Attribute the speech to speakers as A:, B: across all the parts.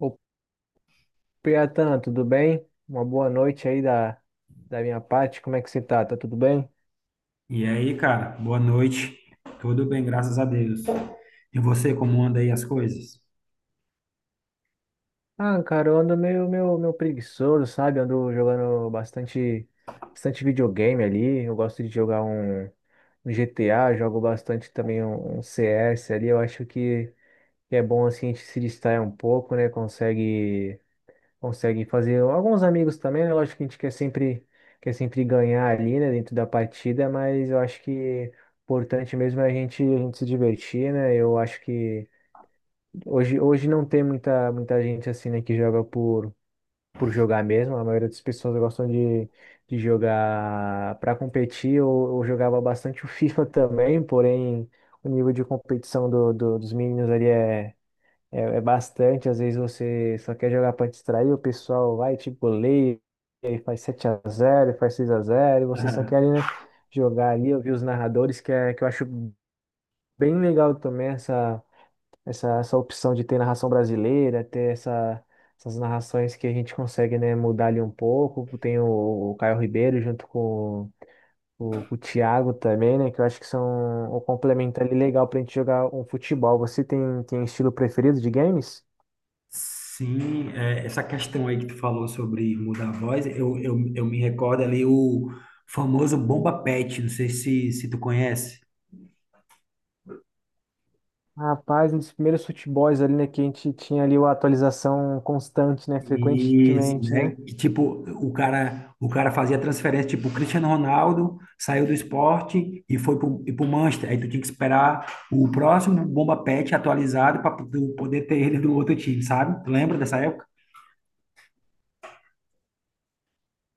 A: Ô, Piatan, tudo bem? Uma boa noite aí da minha parte. Como é que você tá? Tá tudo bem?
B: E aí, cara, boa noite. Tudo bem, graças a Deus. E você, como anda aí as coisas?
A: Ah, cara, eu ando meio preguiçoso, sabe? Ando jogando bastante videogame ali. Eu gosto de jogar um GTA, jogo bastante também um CS ali. Eu acho que é bom assim a gente se distrair um pouco, né? Conseguem fazer alguns amigos também, né? Lógico que a gente quer sempre ganhar ali, né, dentro da partida, mas eu acho que o importante mesmo é a gente se divertir, né? Eu acho que hoje não tem muita gente assim, né, que joga por jogar mesmo. A maioria das pessoas gostam de jogar para competir. Eu jogava bastante o FIFA também, porém o nível de competição dos meninos ali é bastante. Às vezes você só quer jogar para distrair, o pessoal vai, tipo, goleia, e aí faz 7 a 0, faz 6 a 0, e você só quer, né, jogar ali. Eu vi os narradores, que, é, que eu acho bem legal também essa opção de ter narração brasileira, ter essas narrações que a gente consegue, né, mudar ali um pouco. Tem o Caio Ribeiro junto com o Thiago também, né, que eu acho que são um complemento ali legal para a gente jogar um futebol. Você tem estilo preferido de games?
B: Sim, essa questão aí que tu falou sobre mudar a voz, eu me recordo ali o famoso Bomba Pet, não sei se tu conhece.
A: Rapaz, nos primeiros futebols ali, né, que a gente tinha ali uma atualização constante, né,
B: Isso,
A: frequentemente,
B: né?
A: né?
B: Que, tipo, o cara fazia transferência, tipo, o Cristiano Ronaldo saiu do esporte e foi pro Manchester. Aí tu tinha que esperar o próximo bomba pet atualizado para tu poder ter ele do outro time, sabe? Tu lembra dessa época?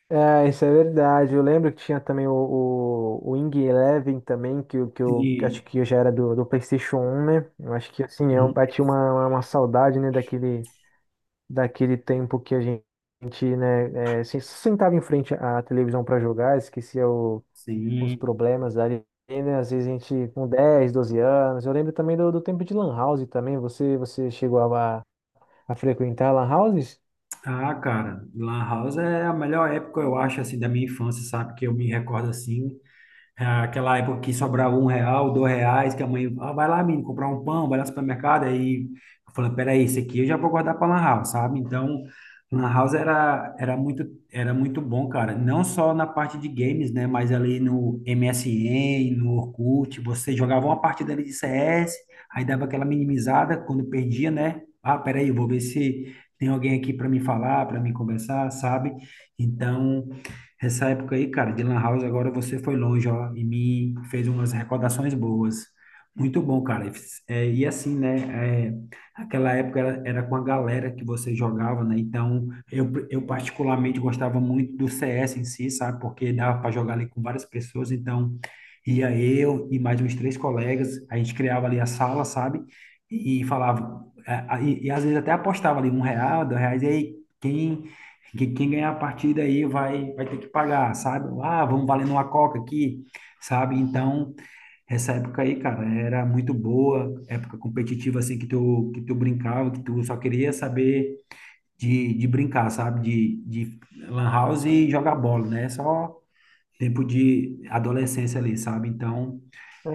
A: É, isso é verdade. Eu lembro que tinha também o Wing Eleven também, que eu
B: Sim,
A: acho que eu já era do PlayStation 1, né? Eu acho que, assim, eu
B: sim,
A: bati uma saudade, né, daquele tempo que a gente, né, sentava em frente à televisão para jogar, esquecia o os
B: sim.
A: problemas ali, né? Às vezes a gente com 10, 12 anos. Eu lembro também do tempo de Lan House também. Você chegou a frequentar Lan Houses?
B: Ah, cara, Lan House é a melhor época, eu acho, assim, da minha infância, sabe? Que eu me recordo assim. É aquela época que sobrava um real, dois reais, que a mãe, ah, vai lá, menino, comprar um pão, vai lá no supermercado. Aí eu falei, peraí, esse aqui eu já vou guardar para Lan House, sabe? Então, Lan House era, era muito bom, cara. Não só na parte de games, né? Mas ali no MSN, no Orkut, você jogava uma partida ali de CS, aí dava aquela minimizada quando perdia, né? Ah, peraí, eu vou ver se tem alguém aqui para me falar, para me conversar, sabe? Então, essa época aí, cara, de Lan House, agora você foi longe, ó, e me fez umas recordações boas. Muito bom, cara. E assim, né? Aquela era com a galera que você jogava, né? Então, eu particularmente gostava muito do CS em si, sabe? Porque dava para jogar ali com várias pessoas. Então, ia eu e mais uns três colegas, a gente criava ali a sala, sabe? E falava, é, a- e às vezes até apostava ali um real, dois reais, e aí, quem quem ganhar a partida aí vai ter que pagar, sabe? Ah, vamos valendo uma coca aqui, sabe? Então, essa época aí, cara, era muito boa, época competitiva, assim, que tu brincava, que tu só queria saber de brincar, sabe? De lan house e jogar bola, né? Só tempo de adolescência ali, sabe? Então,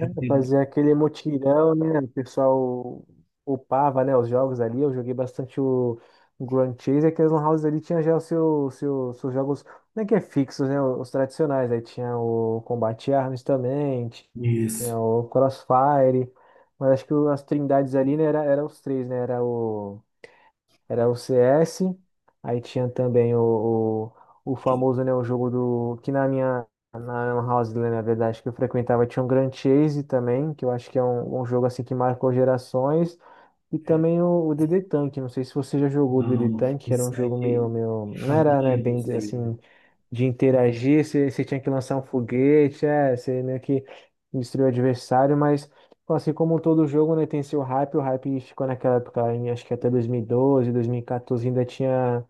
B: é um tempo-
A: fazer aquele mutirão, né? O pessoal upava, né, os jogos ali. Eu joguei bastante o Grand Chase. Aquelas Lan Houses ali tinha já os seus jogos, não é que é fixos, né? Os tradicionais. Aí tinha o Combate Arms também,
B: isso.
A: tinha o Crossfire. Mas acho que as trindades ali, né, era os três, né? Era o CS, aí tinha também o famoso, né, o jogo do, que na minha, na Lan House, né, na verdade, que eu frequentava, tinha um Grand Chase também, que eu acho que é um jogo, assim, que marcou gerações, e
B: É,
A: também o D D Tank. Não sei se você já jogou o D D
B: não,
A: Tank, que era um jogo meio, meio, não
B: eu não
A: era, né,
B: lembro,
A: bem,
B: esse aí.
A: assim, de interagir. Você tinha que lançar um foguete, você meio que destruiu o adversário, mas, pô, assim como todo jogo, né, tem seu hype. O hype ficou naquela época, acho que até 2012, 2014 ainda tinha.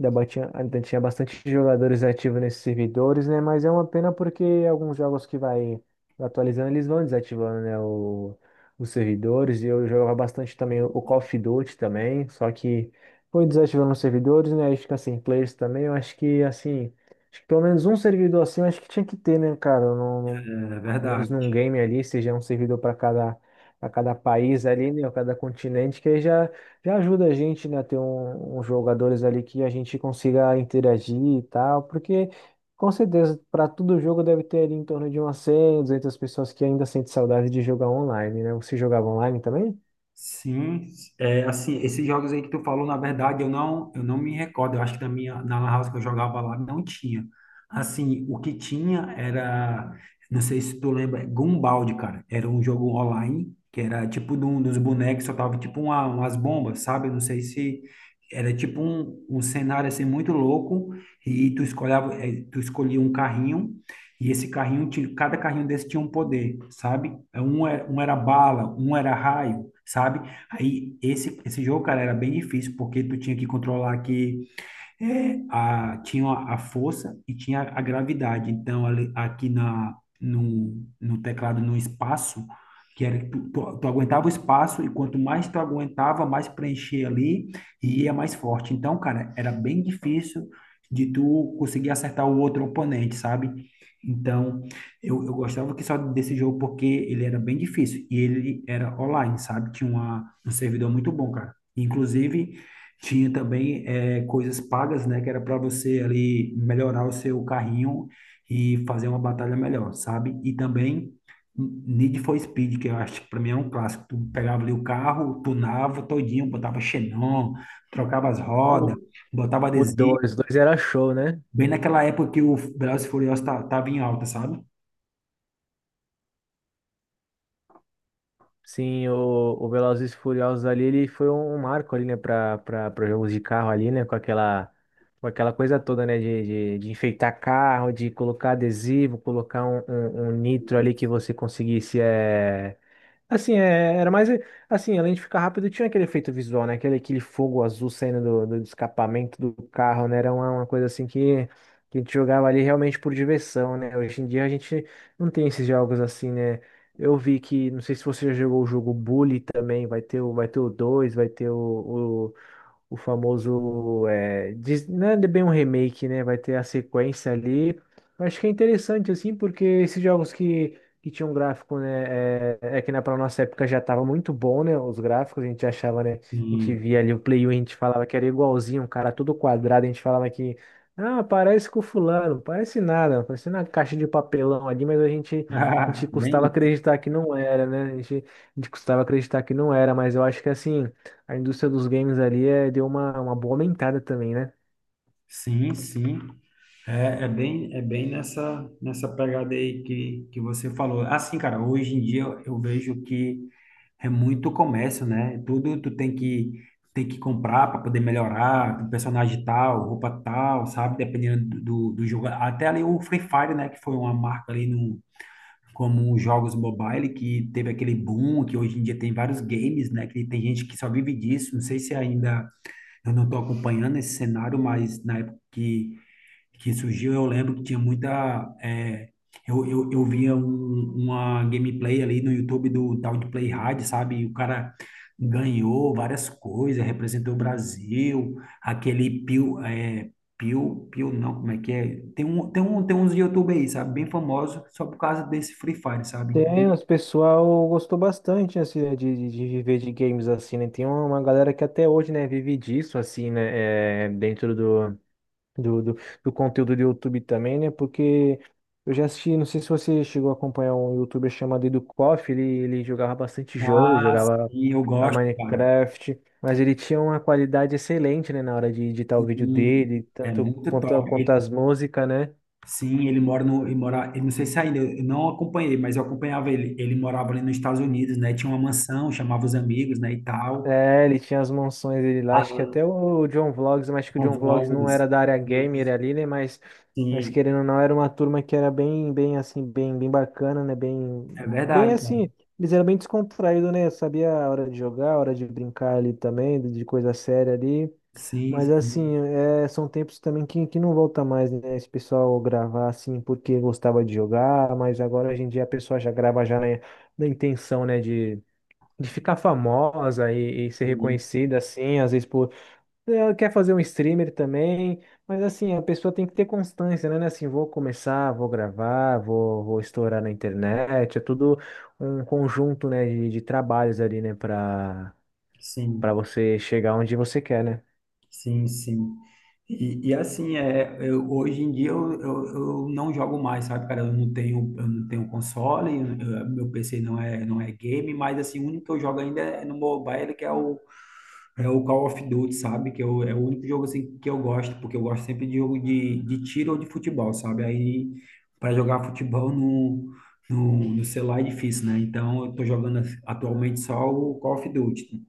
A: Ainda tinha bastante jogadores ativos nesses servidores, né? Mas é uma pena porque alguns jogos que vai atualizando, eles vão desativando, né, os servidores. E eu jogava bastante também o Call of Duty também. Só que foi desativando os servidores, né? Aí fica sem players também. Eu acho que, assim, acho que pelo menos um servidor assim, eu acho que tinha que ter, né, cara? Eu Não,
B: É
A: pelo menos
B: verdade.
A: num game ali, seja um servidor para cada país ali, né, ou cada continente, que aí já ajuda a gente, né, a ter uns jogadores ali que a gente consiga interagir e tal, porque com certeza para todo jogo deve ter ali em torno de umas 100, 200 pessoas que ainda sentem saudade de jogar online, né? Você jogava online também?
B: Sim, é, assim, esses jogos aí que tu falou, na verdade, eu não me recordo. Eu acho que na minha, na Lan House que eu jogava lá não tinha. Assim, o que tinha era, não sei se tu lembra, Gumball, cara. Era um jogo online que era tipo de um dos bonecos, só tava tipo umas bombas, sabe? Eu não sei se era tipo um cenário assim muito louco e tu escolhava, tu escolhia um carrinho. E esse carrinho, tinha- cada carrinho desse tinha um poder, sabe? É, um era, um era bala, um era raio, sabe? Esse jogo, cara, era bem difícil, porque tu tinha que controlar que tinha a força e tinha a gravidade. Então, ali- aqui na, no teclado, no espaço, que era, tu aguentava o espaço e quanto mais tu aguentava, mais preenchia ali e ia mais forte. Então, cara, era bem difícil de tu conseguir acertar o outro oponente, sabe? Então, eu gostava que só desse jogo porque ele era bem difícil e ele era online, sabe? Tinha um servidor muito bom, cara. Inclusive, tinha também coisas pagas, né? Que era para você ali melhorar o seu carrinho e fazer uma batalha melhor, sabe? E também Need for Speed, que eu acho que para mim é um clássico. Tu pegava ali o carro, tunava todinho, botava xenon, trocava as
A: O,
B: rodas, botava
A: o
B: adesivo.
A: Dois era show, né?
B: Bem naquela época que o Velozes e Furiosos ta- tava em alta, sabe?
A: Sim, o Velozes e Furiosos ali, ele foi um marco ali, né, para jogos de carro ali, né, com aquela coisa toda, né, de enfeitar carro, de colocar adesivo, colocar um nitro ali que você conseguisse, assim, era mais. Assim, além de ficar rápido, tinha aquele efeito visual, né? Aquele fogo azul saindo do escapamento do carro, né? Era uma coisa assim que a gente jogava ali realmente por diversão, né? Hoje em dia a gente não tem esses jogos assim, né? Eu vi que, não sei se você já jogou o jogo Bully também, vai ter o dois, vai ter o famoso. É, diz- não é bem um remake, né? Vai ter a sequência ali. Eu acho que é interessante, assim, porque esses jogos que tinham gráfico, né? É que na pra nossa época já tava muito bom, né? Os gráficos, a gente achava, né? A gente
B: E
A: via ali o Play 1, a gente falava que era igualzinho, um cara todo quadrado, a gente falava que, ah, parece com o fulano. Parece nada, parece uma caixa de papelão ali, mas a gente, a gente
B: ah,
A: custava
B: bem,
A: acreditar que não era, né? A gente custava acreditar que não era, mas eu acho que, assim, a indústria dos games ali, deu uma boa aumentada também, né?
B: sim, sim. É, é bem nessa pegada aí que você falou. Assim, cara, hoje em dia eu vejo que é muito comércio, né? Tudo tu tem que comprar para poder melhorar, personagem tal, roupa tal, sabe? Dependendo do jogo. Até ali o Free Fire, né? Que foi uma marca ali no, como os jogos mobile, que teve aquele boom, que hoje em dia tem vários games, né? Que tem gente que só vive disso. Não sei se ainda eu não estou acompanhando esse cenário, mas na época que surgiu, eu lembro que tinha muita, é, eu via um- uma gameplay ali no YouTube do tal de Play Hard, sabe? E o cara ganhou várias coisas, representou o Brasil, aquele Pio. É, Pio não, como é que é? Tem uns YouTube aí, sabe? Bem famosos, só por causa desse Free Fire, sabe?
A: Tem, o pessoal gostou bastante, assim, né, de viver de games, assim, né? Tem uma galera que até hoje, né, vive disso, assim, né, dentro do, do, do conteúdo do YouTube também, né? Porque eu já assisti, não sei se você chegou a acompanhar um YouTuber chamado EduKoff. Ele jogava bastante jogo,
B: Ah,
A: jogava
B: sim, eu
A: a
B: gosto, cara.
A: Minecraft, mas ele tinha uma qualidade excelente, né, na hora de editar o vídeo
B: Sim,
A: dele,
B: é
A: tanto
B: muito
A: quanto,
B: top.
A: quanto as músicas, né?
B: Sim, ele mora, eu não sei se ainda, eu não acompanhei, mas eu acompanhava ele. Ele morava ali nos Estados Unidos, né? Tinha uma mansão, chamava os amigos, né, e tal.
A: É, ele tinha as mansões dele lá, acho que
B: A-
A: até o John Vlogs, mas acho que o
B: com
A: John Vlogs não
B: vlogs.
A: era da área gamer
B: Isso.
A: ali, né? Mas
B: Sim,
A: querendo ou não, era uma turma que era bem, bem assim, bem bacana, né?
B: é
A: Bem
B: verdade, cara.
A: assim, eles eram bem descontraídos, né? Sabia a hora de jogar, a hora de brincar ali também, de coisa séria ali.
B: Sim,
A: Mas
B: sim,
A: assim, são tempos também que não volta mais, né? Esse pessoal gravar assim porque gostava de jogar, mas agora, hoje em dia, a pessoa já grava já na intenção, né, de ficar famosa e ser
B: sim,
A: reconhecida, assim, às vezes por ela quer fazer um streamer também. Mas, assim, a pessoa tem que ter constância, né? Não é assim, vou começar, vou gravar, vou estourar na internet. É tudo um conjunto, né, de trabalhos ali, né, para
B: sim,
A: você chegar onde você quer, né?
B: sim, sim. E assim, é, eu, hoje em dia eu não jogo mais, sabe, cara? Eu não tenho console, eu- meu PC não é, não é game, mas assim, o único que eu jogo ainda é no mobile, que é o, é o Call of Duty, sabe? Que eu, é o único jogo assim que eu gosto, porque eu gosto sempre de jogo de tiro ou de futebol, sabe? Aí para jogar futebol no celular é difícil, né? Então eu tô jogando atualmente só o Call of Duty.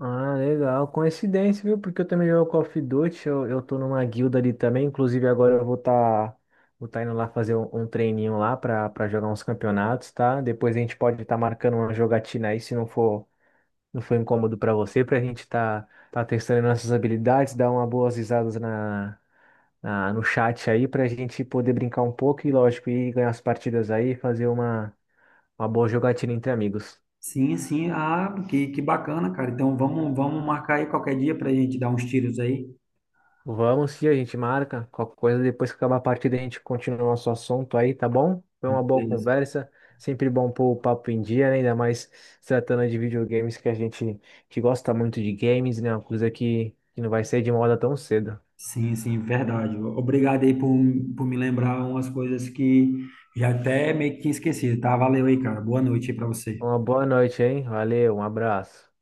A: Ah, legal. Coincidência, viu? Porque eu também jogo Call of Duty, eu tô numa guilda ali também. Inclusive, agora eu vou tá indo lá fazer um treininho lá pra jogar uns campeonatos, tá? Depois a gente pode estar marcando uma jogatina aí, se não for incômodo pra você, pra gente tá testando nossas habilidades, dar uma boas risadas no chat aí, pra gente poder brincar um pouco e, lógico, ir ganhar as partidas aí, fazer uma boa jogatina entre amigos.
B: Sim, sim. Ah, que bacana, cara. Então, vamos, vamos marcar aí qualquer dia pra gente dar uns tiros aí.
A: Vamos sim, a gente marca. Qualquer coisa, depois que acabar a partida, a gente continua o nosso assunto aí, tá bom? Foi uma boa
B: Beleza.
A: conversa. Sempre bom pôr o papo em dia, né? Ainda mais se tratando de videogames que a gente que gosta muito de games, né? Uma coisa que não vai sair de moda tão cedo.
B: Sim, sim, verdade. Obrigado aí por me lembrar umas coisas que já até meio que tinha esquecido, tá? Valeu aí, cara. Boa noite aí pra você.
A: Uma boa noite, hein? Valeu, um abraço.